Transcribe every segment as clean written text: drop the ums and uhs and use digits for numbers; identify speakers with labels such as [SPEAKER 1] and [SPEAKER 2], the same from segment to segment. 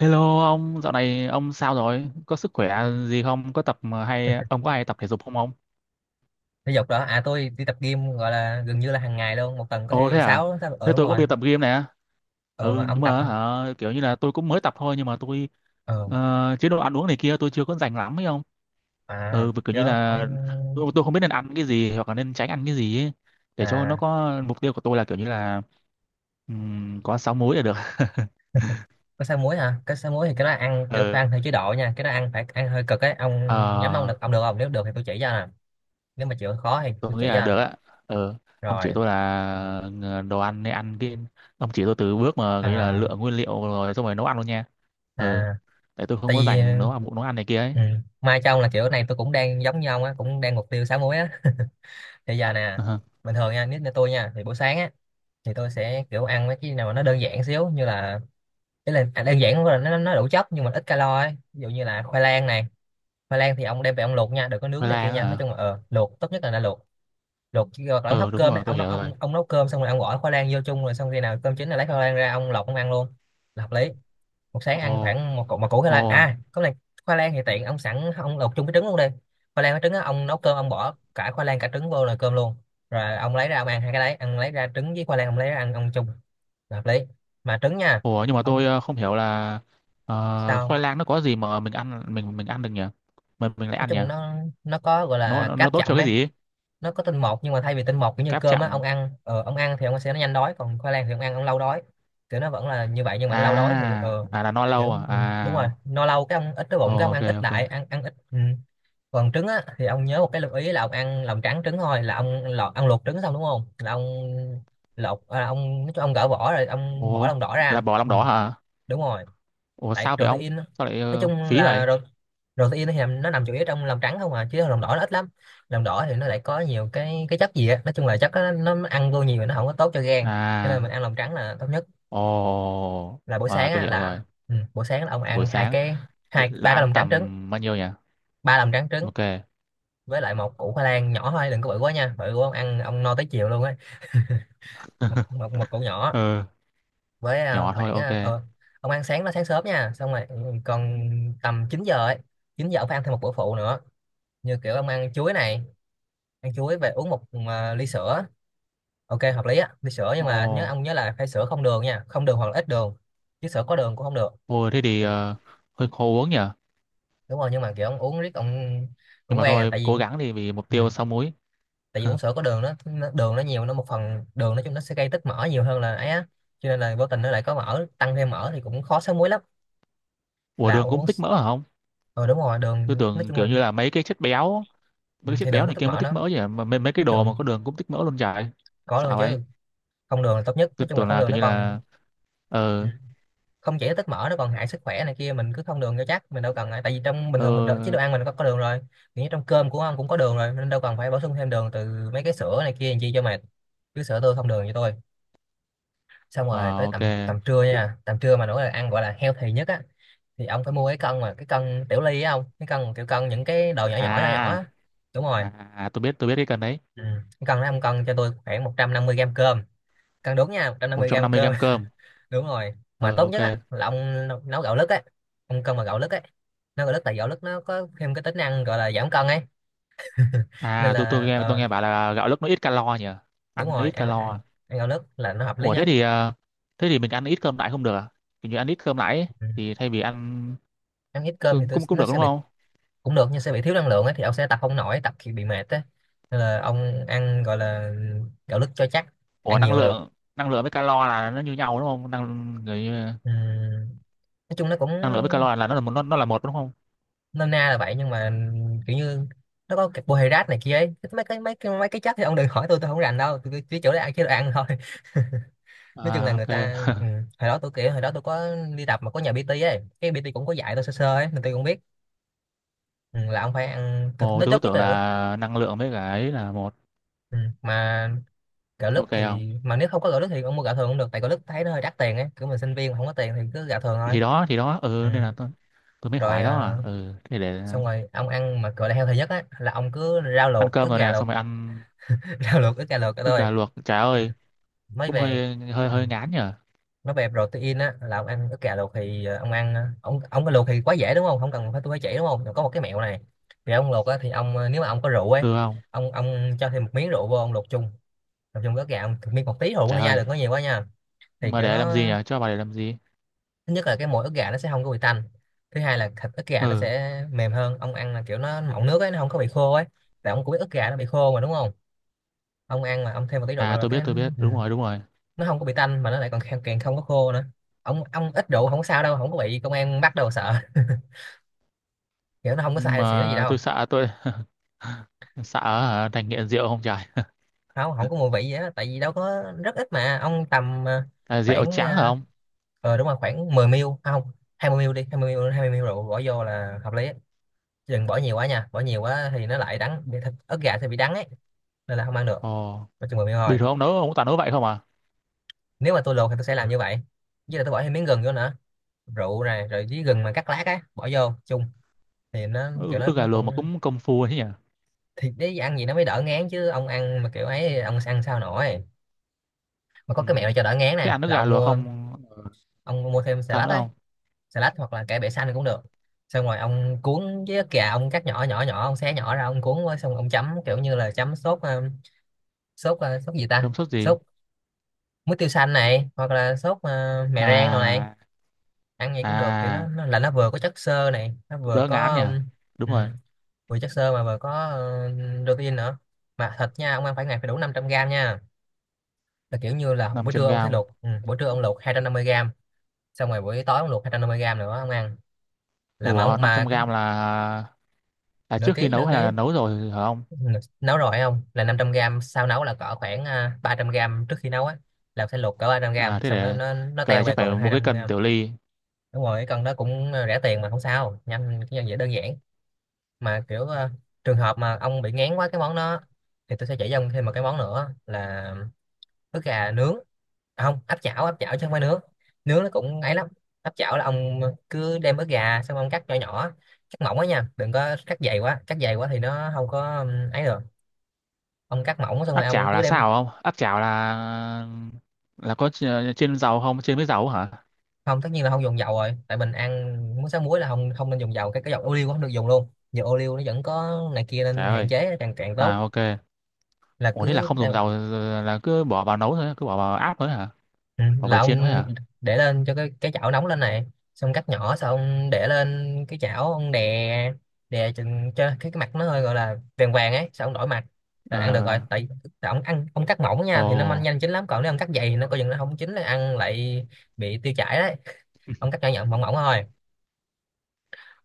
[SPEAKER 1] Hello ông, dạo này ông sao rồi? Có sức khỏe gì không? Có tập mà hay ông có hay tập thể dục không ông?
[SPEAKER 2] Thể dục đó à, tôi đi tập gym, gọi là gần như là hàng ngày luôn, một tuần có
[SPEAKER 1] Ồ
[SPEAKER 2] thể
[SPEAKER 1] thế à?
[SPEAKER 2] sáu, sáu,
[SPEAKER 1] Thế
[SPEAKER 2] đúng
[SPEAKER 1] tôi cũng
[SPEAKER 2] rồi.
[SPEAKER 1] đi tập gym nè.
[SPEAKER 2] Ờ mà
[SPEAKER 1] Ừ nhưng
[SPEAKER 2] ông tập
[SPEAKER 1] mà
[SPEAKER 2] hả?
[SPEAKER 1] hả, kiểu như là tôi cũng mới tập thôi nhưng mà tôi
[SPEAKER 2] Ờ.
[SPEAKER 1] chế độ ăn uống này kia tôi chưa có rành lắm ấy không?
[SPEAKER 2] À,
[SPEAKER 1] Ừ vì kiểu như
[SPEAKER 2] do
[SPEAKER 1] là
[SPEAKER 2] ông.
[SPEAKER 1] tôi không biết nên ăn cái gì hoặc là nên tránh ăn cái gì ấy. Để cho nó
[SPEAKER 2] À,
[SPEAKER 1] có mục tiêu của tôi là kiểu như là có sáu múi là được.
[SPEAKER 2] có sáu muối hả? Cái sáu muối thì cái đó ăn kiểu phải
[SPEAKER 1] Ừ.
[SPEAKER 2] ăn theo chế độ nha, cái đó ăn phải ăn hơi cực ấy ông. Nhắm ông
[SPEAKER 1] ờ.
[SPEAKER 2] được, ông được không? Nếu được thì tôi chỉ cho nè, nếu mà chịu khó thì
[SPEAKER 1] Tôi
[SPEAKER 2] tôi chỉ
[SPEAKER 1] nghĩ
[SPEAKER 2] cho
[SPEAKER 1] là
[SPEAKER 2] à.
[SPEAKER 1] được á. ờ ông chỉ
[SPEAKER 2] Rồi.
[SPEAKER 1] tôi là đồ ăn nên ăn cái ông chỉ tôi từ bước mà cái là
[SPEAKER 2] À.
[SPEAKER 1] lựa nguyên liệu rồi xong rồi nấu ăn luôn nha. ờ
[SPEAKER 2] À,
[SPEAKER 1] Tại tôi không
[SPEAKER 2] tại
[SPEAKER 1] có
[SPEAKER 2] vì
[SPEAKER 1] dành nấu ăn này kia ấy.
[SPEAKER 2] ừ, mai cho ông là kiểu này, tôi cũng đang giống như ông á, cũng đang mục tiêu sáu muối á. Thì giờ nè, bình thường nha, nếu như tôi nha thì buổi sáng á thì tôi sẽ kiểu ăn mấy cái nào mà nó đơn giản xíu, như là cái là à, đơn giản không phải là nó đủ chất nhưng mà ít calo ấy. Ví dụ như là khoai lang này, khoai lang thì ông đem về ông luộc nha, đừng có nướng
[SPEAKER 1] Khoai
[SPEAKER 2] này kia
[SPEAKER 1] lang
[SPEAKER 2] nha, nói
[SPEAKER 1] hả?
[SPEAKER 2] chung là luộc tốt nhất, là đã luộc luộc chứ. Hoặc là ông hấp
[SPEAKER 1] Ờ Đúng
[SPEAKER 2] cơm
[SPEAKER 1] rồi,
[SPEAKER 2] ấy,
[SPEAKER 1] tôi
[SPEAKER 2] ông nấu
[SPEAKER 1] hiểu
[SPEAKER 2] ông
[SPEAKER 1] rồi.
[SPEAKER 2] ông nấu cơm xong rồi ông gỏi khoai lang vô chung, rồi xong khi nào cơm chín là lấy khoai lang ra, ông lọc ông ăn luôn là hợp lý. Một sáng ăn
[SPEAKER 1] Ồ,
[SPEAKER 2] khoảng một củ, một củ khoai
[SPEAKER 1] ồ,
[SPEAKER 2] lang à có này. Khoai lang thì tiện ông sẵn ông luộc chung với trứng luôn đi, khoai lang với trứng á, ông nấu cơm ông bỏ cả khoai lang cả trứng vô là cơm luôn, rồi ông lấy ra ông ăn hai cái đấy, ăn lấy ra trứng với khoai lang ông lấy ra ăn ông chung là hợp lý, mà trứng nha.
[SPEAKER 1] ồ, nhưng mà tôi
[SPEAKER 2] Ông
[SPEAKER 1] không hiểu là
[SPEAKER 2] sao?
[SPEAKER 1] khoai lang nó có gì mà mình ăn mình ăn được nhỉ, mình lại
[SPEAKER 2] Nói
[SPEAKER 1] ăn nhỉ?
[SPEAKER 2] chung nó có gọi
[SPEAKER 1] nó
[SPEAKER 2] là
[SPEAKER 1] nó, nó
[SPEAKER 2] cáp
[SPEAKER 1] tốt cho
[SPEAKER 2] chậm
[SPEAKER 1] cái
[SPEAKER 2] ấy,
[SPEAKER 1] gì ấy?
[SPEAKER 2] nó có tinh bột nhưng mà thay vì tinh bột kiểu như
[SPEAKER 1] Cáp
[SPEAKER 2] cơm á, ông
[SPEAKER 1] chậm
[SPEAKER 2] ăn ông ăn thì ông sẽ nó nhanh đói, còn khoai lang thì ông ăn ông lâu đói. Kiểu nó vẫn là như vậy nhưng mà anh lâu đói thì
[SPEAKER 1] à à, là no lâu
[SPEAKER 2] kiểu
[SPEAKER 1] à
[SPEAKER 2] ừ, đúng rồi,
[SPEAKER 1] à?
[SPEAKER 2] no lâu cái ông ít cái bụng cái ông
[SPEAKER 1] Ok,
[SPEAKER 2] ăn ít
[SPEAKER 1] ok.
[SPEAKER 2] lại, ăn ăn ít ừ. Còn trứng á thì ông nhớ một cái lưu ý là ông ăn lòng trắng trứng thôi, là ông lọt ăn luộc trứng xong đúng không, là ông lột à, ông nói chung ông gỡ vỏ rồi ông bỏ
[SPEAKER 1] Ồ,
[SPEAKER 2] lòng đỏ
[SPEAKER 1] là
[SPEAKER 2] ra
[SPEAKER 1] bỏ lòng
[SPEAKER 2] ừ,
[SPEAKER 1] đỏ hả?
[SPEAKER 2] đúng rồi,
[SPEAKER 1] Ủa
[SPEAKER 2] tại
[SPEAKER 1] sao vậy ông?
[SPEAKER 2] protein á.
[SPEAKER 1] Sao lại
[SPEAKER 2] Nói chung
[SPEAKER 1] phí
[SPEAKER 2] là
[SPEAKER 1] vậy?
[SPEAKER 2] ro- Protein thì nó nằm chủ yếu trong lòng trắng không à, chứ lòng đỏ nó ít lắm. Lòng đỏ thì nó lại có nhiều cái chất gì á, nói chung là chất đó, nó ăn vô nhiều nó không có tốt cho gan, cho nên mình
[SPEAKER 1] À,
[SPEAKER 2] ăn lòng trắng là tốt nhất.
[SPEAKER 1] ồ,
[SPEAKER 2] Là buổi
[SPEAKER 1] à,
[SPEAKER 2] sáng
[SPEAKER 1] tôi
[SPEAKER 2] á
[SPEAKER 1] hiểu rồi.
[SPEAKER 2] là ừ, buổi sáng là ông
[SPEAKER 1] Là buổi
[SPEAKER 2] ăn hai
[SPEAKER 1] sáng
[SPEAKER 2] cái, hai
[SPEAKER 1] là
[SPEAKER 2] ba cái
[SPEAKER 1] ăn
[SPEAKER 2] lòng trắng trứng,
[SPEAKER 1] tầm bao nhiêu nhỉ?
[SPEAKER 2] ba lòng trắng trứng.
[SPEAKER 1] Ok.
[SPEAKER 2] Với lại một củ khoai lang nhỏ thôi, đừng có bự quá nha, bự quá ông ăn ông no tới chiều luôn ấy, một củ nhỏ.
[SPEAKER 1] Ừ,
[SPEAKER 2] Với
[SPEAKER 1] nhỏ thôi, ok.
[SPEAKER 2] ông ăn sáng nó sáng sớm nha, xong rồi ừ, còn tầm 9 giờ ấy, 9 giờ ông phải ăn thêm một bữa phụ nữa, như kiểu ông ăn chuối này, ăn chuối về uống một ly sữa, ok hợp lý á. Ly sữa nhưng mà nhớ
[SPEAKER 1] Ồ,
[SPEAKER 2] ông nhớ là phải sữa không đường nha, không đường hoặc là ít đường, chứ sữa có đường cũng không được.
[SPEAKER 1] thôi thế thì
[SPEAKER 2] Tại-
[SPEAKER 1] hơi khó uống nhỉ?
[SPEAKER 2] Đúng rồi, nhưng mà kiểu ông uống riết ông
[SPEAKER 1] Nhưng
[SPEAKER 2] cũng
[SPEAKER 1] mà
[SPEAKER 2] quen à,
[SPEAKER 1] thôi,
[SPEAKER 2] tại vì
[SPEAKER 1] cố gắng đi vì mục
[SPEAKER 2] ừ.
[SPEAKER 1] tiêu sáu múi.
[SPEAKER 2] Tại vì uống sữa có đường nó đường nó nhiều, nó một phần đường, nói chung nó sẽ gây tích mỡ nhiều hơn là ấy á, cho nên là vô tình nó lại có mỡ, tăng thêm mỡ thì cũng khó sáng muối lắm.
[SPEAKER 1] Ủa
[SPEAKER 2] là
[SPEAKER 1] đường
[SPEAKER 2] uống
[SPEAKER 1] cũng tích
[SPEAKER 2] s-
[SPEAKER 1] mỡ hả không?
[SPEAKER 2] Đúng rồi,
[SPEAKER 1] Tôi
[SPEAKER 2] đường nói
[SPEAKER 1] tưởng
[SPEAKER 2] chung
[SPEAKER 1] kiểu
[SPEAKER 2] là
[SPEAKER 1] như là mấy cái chất béo,
[SPEAKER 2] ừ,
[SPEAKER 1] mấy cái
[SPEAKER 2] thì
[SPEAKER 1] chất
[SPEAKER 2] đường
[SPEAKER 1] béo
[SPEAKER 2] có
[SPEAKER 1] này
[SPEAKER 2] tích
[SPEAKER 1] kia mới
[SPEAKER 2] mỡ
[SPEAKER 1] tích
[SPEAKER 2] nó,
[SPEAKER 1] mỡ chứ. Mà mấy cái
[SPEAKER 2] đường
[SPEAKER 1] đồ mà có đường cũng tích mỡ luôn vậy.
[SPEAKER 2] có đường
[SPEAKER 1] Sao vậy?
[SPEAKER 2] chứ, không đường là tốt nhất,
[SPEAKER 1] Tôi
[SPEAKER 2] nói chung là
[SPEAKER 1] tưởng
[SPEAKER 2] không
[SPEAKER 1] là
[SPEAKER 2] đường
[SPEAKER 1] kiểu
[SPEAKER 2] nó
[SPEAKER 1] như
[SPEAKER 2] còn.
[SPEAKER 1] là
[SPEAKER 2] Ừ.
[SPEAKER 1] ờ
[SPEAKER 2] Không chỉ là tích mỡ, nó còn hại sức khỏe này kia, mình cứ không đường cho chắc, mình đâu cần ngại. Tại vì trong bình
[SPEAKER 1] ờ
[SPEAKER 2] thường chế độ ăn mình có đường rồi, kiểu như trong cơm của ông cũng có đường rồi, nên đâu cần phải bổ sung thêm đường từ mấy cái sữa này kia làm chi cho mệt, cứ sữa tươi không đường cho tôi. Xong rồi
[SPEAKER 1] ờ
[SPEAKER 2] tới
[SPEAKER 1] ok.
[SPEAKER 2] tầm tầm trưa nha, tầm trưa mà nổi là ăn gọi là healthy nhất á, thì ông phải mua cái cân, mà cái cân tiểu ly á, ông cái cân kiểu cân những cái đồ nhỏ nhỏ nhỏ nhỏ
[SPEAKER 1] À,
[SPEAKER 2] á. Đúng rồi
[SPEAKER 1] à, à, tôi biết cái cần đấy.
[SPEAKER 2] ừ. Cái cân đó ông cân cho tôi khoảng 150 gram cơm, cân đúng nha, một trăm năm
[SPEAKER 1] Một
[SPEAKER 2] mươi
[SPEAKER 1] trăm
[SPEAKER 2] gram
[SPEAKER 1] năm mươi
[SPEAKER 2] cơm.
[SPEAKER 1] gram cơm.
[SPEAKER 2] Đúng rồi, mà
[SPEAKER 1] Ờ
[SPEAKER 2] tốt
[SPEAKER 1] ok.
[SPEAKER 2] nhất á là ông nấu nấu gạo lứt á, ông cân mà gạo lứt ấy, nấu gạo lứt tại gạo lứt nó có thêm cái tính năng gọi là giảm cân ấy. Nên
[SPEAKER 1] À, tôi
[SPEAKER 2] là
[SPEAKER 1] nghe bảo là gạo lứt nó ít calo nhỉ,
[SPEAKER 2] đúng
[SPEAKER 1] ăn nó
[SPEAKER 2] rồi,
[SPEAKER 1] ít
[SPEAKER 2] ăn
[SPEAKER 1] calo
[SPEAKER 2] ăn
[SPEAKER 1] à?
[SPEAKER 2] gạo lứt là nó hợp lý
[SPEAKER 1] Ủa thế
[SPEAKER 2] nhất.
[SPEAKER 1] thì thế thì mình ăn ít cơm lại không được à? Kiểu như ăn ít cơm lại ấy,
[SPEAKER 2] Ừ.
[SPEAKER 1] thì thay vì ăn
[SPEAKER 2] Ăn ít cơm thì
[SPEAKER 1] cũng
[SPEAKER 2] tôi
[SPEAKER 1] cũng cũng
[SPEAKER 2] nó
[SPEAKER 1] được
[SPEAKER 2] sẽ
[SPEAKER 1] đúng
[SPEAKER 2] bị,
[SPEAKER 1] không?
[SPEAKER 2] cũng được nhưng sẽ bị thiếu năng lượng ấy, thì ông sẽ tập không nổi, tập thì bị mệt á, nên là ông ăn gọi là gạo lứt cho chắc,
[SPEAKER 1] Ủa
[SPEAKER 2] ăn
[SPEAKER 1] năng
[SPEAKER 2] nhiều là được.
[SPEAKER 1] lượng với calo là nó như nhau đúng không, năng người
[SPEAKER 2] Ừm, nói chung nó cũng
[SPEAKER 1] năng lượng với calo là nó là một, nó là một đúng không?
[SPEAKER 2] nôm na là vậy, nhưng mà kiểu như nó có carbohydrate này kia ấy, mấy cái chất thì ông đừng hỏi tôi không rành đâu, tôi chỉ chỗ đấy ăn, chế độ ăn thôi. Nói chung là
[SPEAKER 1] À
[SPEAKER 2] người
[SPEAKER 1] ok.
[SPEAKER 2] ta ừ, hồi đó tôi kiểu hồi đó tôi có đi tập mà có nhà PT ấy, cái PT cũng có dạy tôi sơ sơ ấy, nên tôi cũng biết ừ, là ông phải ăn thịt
[SPEAKER 1] Ồ,
[SPEAKER 2] nó
[SPEAKER 1] tôi cứ
[SPEAKER 2] chốt nhất
[SPEAKER 1] tưởng
[SPEAKER 2] là được.
[SPEAKER 1] là năng lượng với cả ấy là một.
[SPEAKER 2] Ừ, mà gạo lứt
[SPEAKER 1] Ok không,
[SPEAKER 2] thì mà nếu không có gạo lứt thì ông mua gạo thường cũng được, tại gạo lứt thấy nó hơi đắt tiền ấy, kiểu mình sinh viên mà không có tiền thì cứ gạo thường thôi.
[SPEAKER 1] thì đó thì đó,
[SPEAKER 2] Ừ.
[SPEAKER 1] ừ nên là tôi mới
[SPEAKER 2] Rồi
[SPEAKER 1] hỏi đó
[SPEAKER 2] à,
[SPEAKER 1] à. Ừ thế để
[SPEAKER 2] xong rồi ông ăn mà gọi là healthy nhất á là ông cứ rau
[SPEAKER 1] ăn
[SPEAKER 2] luộc
[SPEAKER 1] cơm
[SPEAKER 2] ức
[SPEAKER 1] rồi
[SPEAKER 2] gà
[SPEAKER 1] nè,
[SPEAKER 2] luộc.
[SPEAKER 1] xong rồi ăn
[SPEAKER 2] Rau luộc ức gà luộc
[SPEAKER 1] ức gà
[SPEAKER 2] thôi.
[SPEAKER 1] luộc trời
[SPEAKER 2] Ừ.
[SPEAKER 1] ơi,
[SPEAKER 2] Mới
[SPEAKER 1] cũng
[SPEAKER 2] về.
[SPEAKER 1] hơi hơi
[SPEAKER 2] Ừ.
[SPEAKER 1] hơi ngán nhở.
[SPEAKER 2] Nói về protein á là ông ăn ức gà luộc thì ông ăn ông cái luộc thì quá dễ đúng không, không cần phải tôi phải chỉ đúng không. Rồi có một cái mẹo này, thì ông luộc á thì nếu mà ông có rượu ấy,
[SPEAKER 1] Được không?
[SPEAKER 2] ông cho thêm một miếng rượu vô ông luộc chung, luộc chung với ức gà, ông miếng một tí rượu
[SPEAKER 1] Trời
[SPEAKER 2] thôi nha,
[SPEAKER 1] ơi,
[SPEAKER 2] đừng có nhiều quá nha, thì
[SPEAKER 1] mà
[SPEAKER 2] kiểu
[SPEAKER 1] để làm
[SPEAKER 2] nó,
[SPEAKER 1] gì nhở, cho bà để làm gì?
[SPEAKER 2] thứ nhất là cái mỗi ức gà nó sẽ không có bị tanh, thứ hai là thịt ức gà nó
[SPEAKER 1] Ừ
[SPEAKER 2] sẽ mềm hơn, ông ăn là kiểu nó mọng nước ấy, nó không có bị khô ấy, tại ông cũng biết ức gà nó bị khô mà đúng không. Ông ăn mà ông thêm một tí rượu
[SPEAKER 1] à,
[SPEAKER 2] rồi
[SPEAKER 1] tôi
[SPEAKER 2] cái
[SPEAKER 1] biết tôi biết,
[SPEAKER 2] ừ,
[SPEAKER 1] đúng rồi đúng rồi.
[SPEAKER 2] nó không có bị tanh mà nó lại còn càng không có khô nữa. Ông ít rượu không có sao đâu, không có bị công an bắt đâu sợ. Kiểu nó không có
[SPEAKER 1] Nhưng
[SPEAKER 2] sai xỉn gì
[SPEAKER 1] mà
[SPEAKER 2] đâu,
[SPEAKER 1] tôi sợ hả, thành nghiện rượu không trời.
[SPEAKER 2] không không có mùi vị gì hết, tại vì đâu có rất ít, mà ông tầm
[SPEAKER 1] Là rượu
[SPEAKER 2] khoảng
[SPEAKER 1] trắng hả
[SPEAKER 2] ờ
[SPEAKER 1] ông?
[SPEAKER 2] đúng rồi, khoảng 10 ml, à, không, 20 ml đi, 20 ml, 20 ml rượu bỏ vô là hợp lý, đừng bỏ nhiều quá nha, bỏ nhiều quá thì nó lại ớt gà thì bị đắng ấy, nên là không ăn được,
[SPEAKER 1] Ồ,
[SPEAKER 2] mà chừng 10 miếng thôi.
[SPEAKER 1] bình thường ông nấu ông toàn nấu vậy không à?
[SPEAKER 2] Nếu mà tôi luộc thì tôi sẽ làm như vậy, với lại tôi bỏ thêm miếng gừng vô nữa, rượu này rồi với gừng mà cắt lát á bỏ vô chung, thì nó kiểu
[SPEAKER 1] Ừ,
[SPEAKER 2] nó
[SPEAKER 1] ức gà
[SPEAKER 2] nó
[SPEAKER 1] luộc mà
[SPEAKER 2] cũng.
[SPEAKER 1] cũng công phu ấy nhỉ.
[SPEAKER 2] Thì để ăn gì nó mới đỡ ngán, chứ ông ăn mà kiểu ấy ông ăn sao nổi. Mà có
[SPEAKER 1] Ừ.
[SPEAKER 2] cái mẹo cho đỡ ngán
[SPEAKER 1] Thế
[SPEAKER 2] này
[SPEAKER 1] ăn ức
[SPEAKER 2] là
[SPEAKER 1] gà luộc không,
[SPEAKER 2] ông mua thêm xà
[SPEAKER 1] sao
[SPEAKER 2] lách
[SPEAKER 1] nữa
[SPEAKER 2] ấy,
[SPEAKER 1] không?
[SPEAKER 2] xà lách hoặc là cải bẹ xanh cũng được, xong rồi ông cuốn với ớt gà, ông cắt nhỏ nhỏ nhỏ ông xé nhỏ ra, ông cuốn với xong ông chấm kiểu như là chấm sốt sốt sốt gì ta,
[SPEAKER 1] Không sốt gì?
[SPEAKER 2] sốt. Muối tiêu xanh này, hoặc là sốt mè rang đồ này.
[SPEAKER 1] À
[SPEAKER 2] Ăn gì cũng được, kiểu nó,
[SPEAKER 1] à,
[SPEAKER 2] nó là nó vừa có chất xơ này, nó
[SPEAKER 1] cũng
[SPEAKER 2] vừa
[SPEAKER 1] đỡ ngán
[SPEAKER 2] có
[SPEAKER 1] nhỉ. Đúng
[SPEAKER 2] ừm,
[SPEAKER 1] rồi.
[SPEAKER 2] vừa chất xơ mà vừa có protein nữa. Mà thịt nha, ông ăn phải ngày phải đủ 500 gram nha. Là kiểu như là buổi
[SPEAKER 1] 500
[SPEAKER 2] trưa ông sẽ
[SPEAKER 1] gram?
[SPEAKER 2] luộc, buổi trưa ông luộc 250 gram, xong rồi buổi tối ông luộc 250 gram nữa ông ăn. Là mà
[SPEAKER 1] Ủa
[SPEAKER 2] ông
[SPEAKER 1] năm
[SPEAKER 2] mà
[SPEAKER 1] trăm gram là, à,
[SPEAKER 2] nửa
[SPEAKER 1] trước khi
[SPEAKER 2] ký,
[SPEAKER 1] nấu
[SPEAKER 2] nửa
[SPEAKER 1] hay
[SPEAKER 2] ký
[SPEAKER 1] là nấu rồi hả ông?
[SPEAKER 2] nấu rồi. Không là 500 gram sau nấu là cỡ khoảng 300 gram trước khi nấu á, là sẽ luộc cỡ 300
[SPEAKER 1] À
[SPEAKER 2] gram
[SPEAKER 1] thế
[SPEAKER 2] xong nó
[SPEAKER 1] để,
[SPEAKER 2] nó nó
[SPEAKER 1] cái
[SPEAKER 2] teo
[SPEAKER 1] này
[SPEAKER 2] về
[SPEAKER 1] chắc phải
[SPEAKER 2] còn
[SPEAKER 1] mua cái
[SPEAKER 2] 200
[SPEAKER 1] cân
[SPEAKER 2] gram.
[SPEAKER 1] tiểu ly.
[SPEAKER 2] Đúng rồi, cái con đó cũng rẻ tiền mà không sao, nhanh, cái dễ, đơn giản. Mà kiểu trường hợp mà ông bị ngán quá cái món đó thì tôi sẽ chỉ cho ông thêm một cái món nữa là ức gà nướng. Không áp chảo, áp chảo chứ không phải nướng. Nướng nó cũng ấy lắm. Áp chảo là ông cứ đem ức gà xong ông cắt nhỏ nhỏ, cắt mỏng quá nha, đừng có cắt dày quá, cắt dày quá thì nó không có ấy được. Ông cắt mỏng xong rồi
[SPEAKER 1] Áp
[SPEAKER 2] ông
[SPEAKER 1] chảo
[SPEAKER 2] cứ
[SPEAKER 1] là
[SPEAKER 2] đem.
[SPEAKER 1] sao không? Áp chảo là có ch- chiên dầu không? Chiên với dầu hả?
[SPEAKER 2] Không, tất nhiên là không dùng dầu rồi, tại mình ăn muối, xá muối là không, không nên dùng dầu. Cái dầu ô liu cũng không được dùng luôn, dầu ô liu nó vẫn có này kia,
[SPEAKER 1] Trời
[SPEAKER 2] nên hạn
[SPEAKER 1] ơi.
[SPEAKER 2] chế càng càng
[SPEAKER 1] À
[SPEAKER 2] tốt.
[SPEAKER 1] ok.
[SPEAKER 2] Là
[SPEAKER 1] Ủa thế là
[SPEAKER 2] cứ
[SPEAKER 1] không dùng dầu là cứ bỏ vào nấu thôi, cứ bỏ vào áp thôi hả?
[SPEAKER 2] ừ,
[SPEAKER 1] Bỏ
[SPEAKER 2] là
[SPEAKER 1] vào chiên thôi
[SPEAKER 2] ông
[SPEAKER 1] hả?
[SPEAKER 2] để lên cho cái chảo nóng lên này, xong cắt nhỏ xong ông để lên cái chảo, ông đè, đè chừng cho cái mặt nó hơi gọi là vàng vàng ấy, xong ông đổi mặt là ăn được
[SPEAKER 1] Ờ,
[SPEAKER 2] rồi. Tại, tại ông ăn, ông cắt mỏng nha
[SPEAKER 1] ồ,
[SPEAKER 2] thì nó nhanh, nhanh chín lắm, còn nếu ông cắt dày thì nó coi chừng nó không chín, nó ăn lại bị tiêu chảy đấy. Ông cắt nhỏ nhỏ mỏng mỏng thôi.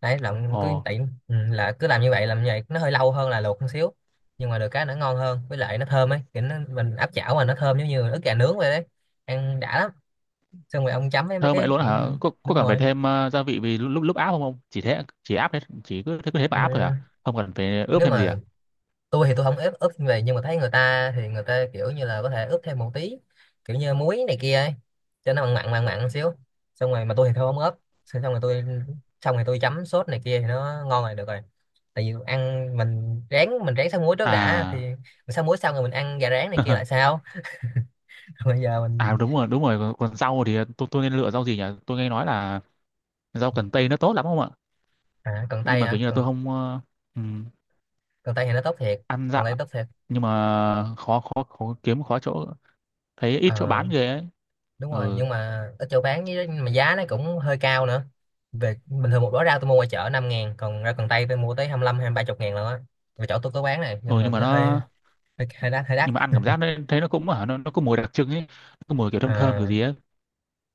[SPEAKER 2] Đấy là ông
[SPEAKER 1] ồ,
[SPEAKER 2] cứ tiện là cứ làm như vậy, làm như vậy nó hơi lâu hơn là luộc một xíu, nhưng mà được cái nó ngon hơn, với lại nó thơm ấy, kiểu nó mình áp chảo mà nó thơm giống như ức gà nướng vậy đấy, ăn đã lắm. Xong rồi ông chấm với mấy
[SPEAKER 1] thơm vậy
[SPEAKER 2] cái
[SPEAKER 1] luôn
[SPEAKER 2] kiểu
[SPEAKER 1] hả?
[SPEAKER 2] như.
[SPEAKER 1] Có
[SPEAKER 2] Đúng
[SPEAKER 1] cần phải
[SPEAKER 2] rồi.
[SPEAKER 1] thêm gia vị vì lúc lúc lúc áp không không? Chỉ thế chỉ áp hết, chỉ cứ thế mà
[SPEAKER 2] Ừ.
[SPEAKER 1] áp thôi hả? Không cần phải ướp
[SPEAKER 2] Nếu
[SPEAKER 1] thêm gì
[SPEAKER 2] mà
[SPEAKER 1] à?
[SPEAKER 2] tôi thì tôi không ép ướp như vậy, nhưng mà thấy người ta thì người ta kiểu như là có thể ướp thêm một tí, kiểu như muối này kia ấy, cho nó mặn mặn mặn mặn xíu. Xong rồi mà tôi thì thôi không ướp. xong rồi tôi Xong rồi tôi chấm sốt này kia thì nó ngon rồi, được rồi. Tại vì ăn mình rán xá muối trước đã thì
[SPEAKER 1] À
[SPEAKER 2] mình xá muối xong rồi mình ăn gà rán này kia lại sao. Còn bây giờ
[SPEAKER 1] à
[SPEAKER 2] mình.
[SPEAKER 1] đúng rồi đúng rồi, còn rau thì tôi nên lựa rau gì nhỉ, tôi nghe nói là rau cần tây nó tốt lắm không ạ,
[SPEAKER 2] Cần
[SPEAKER 1] nhưng
[SPEAKER 2] tây
[SPEAKER 1] mà kiểu
[SPEAKER 2] hả,
[SPEAKER 1] như là tôi
[SPEAKER 2] cần
[SPEAKER 1] không ừm,
[SPEAKER 2] cần tây thì nó tốt thiệt,
[SPEAKER 1] ăn
[SPEAKER 2] cần đây
[SPEAKER 1] dạo
[SPEAKER 2] tốt thiệt.
[SPEAKER 1] nhưng mà khó khó khó kiếm khó chỗ, thấy ít chỗ
[SPEAKER 2] Ờ,
[SPEAKER 1] bán ghê ấy.
[SPEAKER 2] đúng rồi,
[SPEAKER 1] Ừ,
[SPEAKER 2] nhưng mà ở chỗ bán với mà giá nó cũng hơi cao nữa. Về bình thường một bó rau tôi mua ngoài chợ 5 ngàn, còn rau cần tây tôi mua tới hai mươi lăm, hai ba chục ngàn luôn á. Và chỗ tôi có bán này,
[SPEAKER 1] ừ,
[SPEAKER 2] nhưng mà
[SPEAKER 1] nhưng mà
[SPEAKER 2] nó hơi
[SPEAKER 1] nó
[SPEAKER 2] hơi đắt, hơi đắt.
[SPEAKER 1] nhưng mà ăn cảm giác nó thấy nó cũng hả, nó có mùi đặc trưng ấy, nó có mùi kiểu thơm thơm kiểu
[SPEAKER 2] à,
[SPEAKER 1] gì ấy.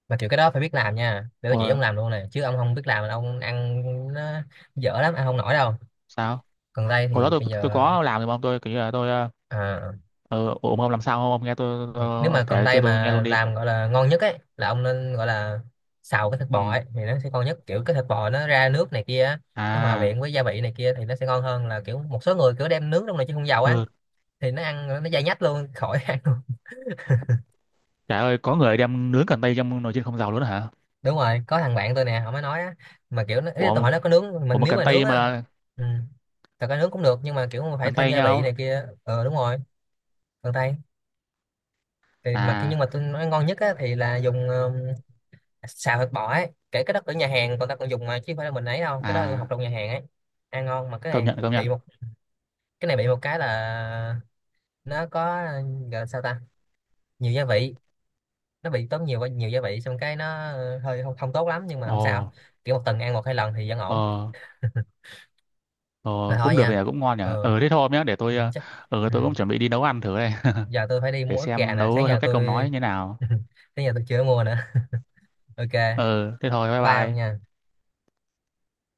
[SPEAKER 2] mà kiểu cái đó phải biết làm nha, để tôi chỉ
[SPEAKER 1] Rồi
[SPEAKER 2] ông làm luôn này, chứ ông không biết làm là ông ăn nó dở lắm, ăn không nổi đâu.
[SPEAKER 1] sao,
[SPEAKER 2] Cần tây
[SPEAKER 1] hồi đó
[SPEAKER 2] thì
[SPEAKER 1] tôi
[SPEAKER 2] bây
[SPEAKER 1] tôi
[SPEAKER 2] giờ,
[SPEAKER 1] có làm thì mà ông, tôi kiểu như là tôi
[SPEAKER 2] à,
[SPEAKER 1] ờ ừ, ông làm sao không, ông nghe tôi
[SPEAKER 2] nếu mà
[SPEAKER 1] ông
[SPEAKER 2] cần
[SPEAKER 1] kể
[SPEAKER 2] tây
[SPEAKER 1] cho tôi nghe
[SPEAKER 2] mà
[SPEAKER 1] luôn đi.
[SPEAKER 2] làm gọi là ngon nhất ấy là ông nên gọi là xào cái thịt bò
[SPEAKER 1] Ừ,
[SPEAKER 2] ấy, thì nó sẽ ngon nhất, kiểu cái thịt bò nó ra nước này kia á, nó hòa
[SPEAKER 1] à,
[SPEAKER 2] quyện với gia vị này kia thì nó sẽ ngon hơn là kiểu một số người kiểu đem nướng trong này chứ không dầu á,
[SPEAKER 1] ừ,
[SPEAKER 2] thì nó ăn nó dai nhách luôn, khỏi ăn luôn.
[SPEAKER 1] trời ơi có người đem nướng cần tây trong nồi chiên không dầu luôn hả?
[SPEAKER 2] Đúng rồi, có thằng bạn tôi nè họ mới nói á, mà kiểu nó ý là tôi
[SPEAKER 1] Ủa,
[SPEAKER 2] hỏi nó có nướng
[SPEAKER 1] ủa
[SPEAKER 2] mình
[SPEAKER 1] mà
[SPEAKER 2] nếu
[SPEAKER 1] cần
[SPEAKER 2] mà nướng
[SPEAKER 1] tay
[SPEAKER 2] á.
[SPEAKER 1] mà,
[SPEAKER 2] ừ, thật ra nướng cũng được, nhưng mà kiểu mà phải
[SPEAKER 1] cần
[SPEAKER 2] thêm
[SPEAKER 1] tay
[SPEAKER 2] gia vị
[SPEAKER 1] nhau
[SPEAKER 2] này kia, ờ đúng rồi. Cần tây thì mà,
[SPEAKER 1] à
[SPEAKER 2] nhưng mà tôi nói ngon nhất á thì là dùng xào thịt bò ấy, kể cái đó ở nhà hàng còn ta còn dùng mà, chứ không phải là mình ấy đâu, cái đó tôi học
[SPEAKER 1] à,
[SPEAKER 2] trong nhà hàng ấy, ăn ngon. Mà cái
[SPEAKER 1] công
[SPEAKER 2] này
[SPEAKER 1] nhận công nhận.
[SPEAKER 2] bị một, cái này bị một cái là nó có gọi là sao ta, nhiều gia vị, nó bị tốn nhiều nhiều gia vị xong cái nó hơi không tốt lắm, nhưng mà
[SPEAKER 1] Ồ,
[SPEAKER 2] không sao, kiểu một tuần ăn một hai lần thì vẫn ổn.
[SPEAKER 1] ờ
[SPEAKER 2] Mà
[SPEAKER 1] ờ
[SPEAKER 2] thôi
[SPEAKER 1] cũng được nhỉ,
[SPEAKER 2] nha.
[SPEAKER 1] cũng ngon nhỉ.
[SPEAKER 2] Ừ,
[SPEAKER 1] Ờ Thế thôi hôm nhé, để tôi
[SPEAKER 2] chắc. Ừ.
[SPEAKER 1] tôi cũng chuẩn bị đi nấu ăn thử đây.
[SPEAKER 2] Giờ tôi phải đi
[SPEAKER 1] Để
[SPEAKER 2] mua ức gà
[SPEAKER 1] xem
[SPEAKER 2] nè, sáng
[SPEAKER 1] nấu theo
[SPEAKER 2] giờ
[SPEAKER 1] cách ông nói
[SPEAKER 2] tôi
[SPEAKER 1] như thế nào.
[SPEAKER 2] sáng giờ tôi chưa mua nữa. OK,
[SPEAKER 1] ờ Thế thôi, bye
[SPEAKER 2] bye ông
[SPEAKER 1] bye.
[SPEAKER 2] nha.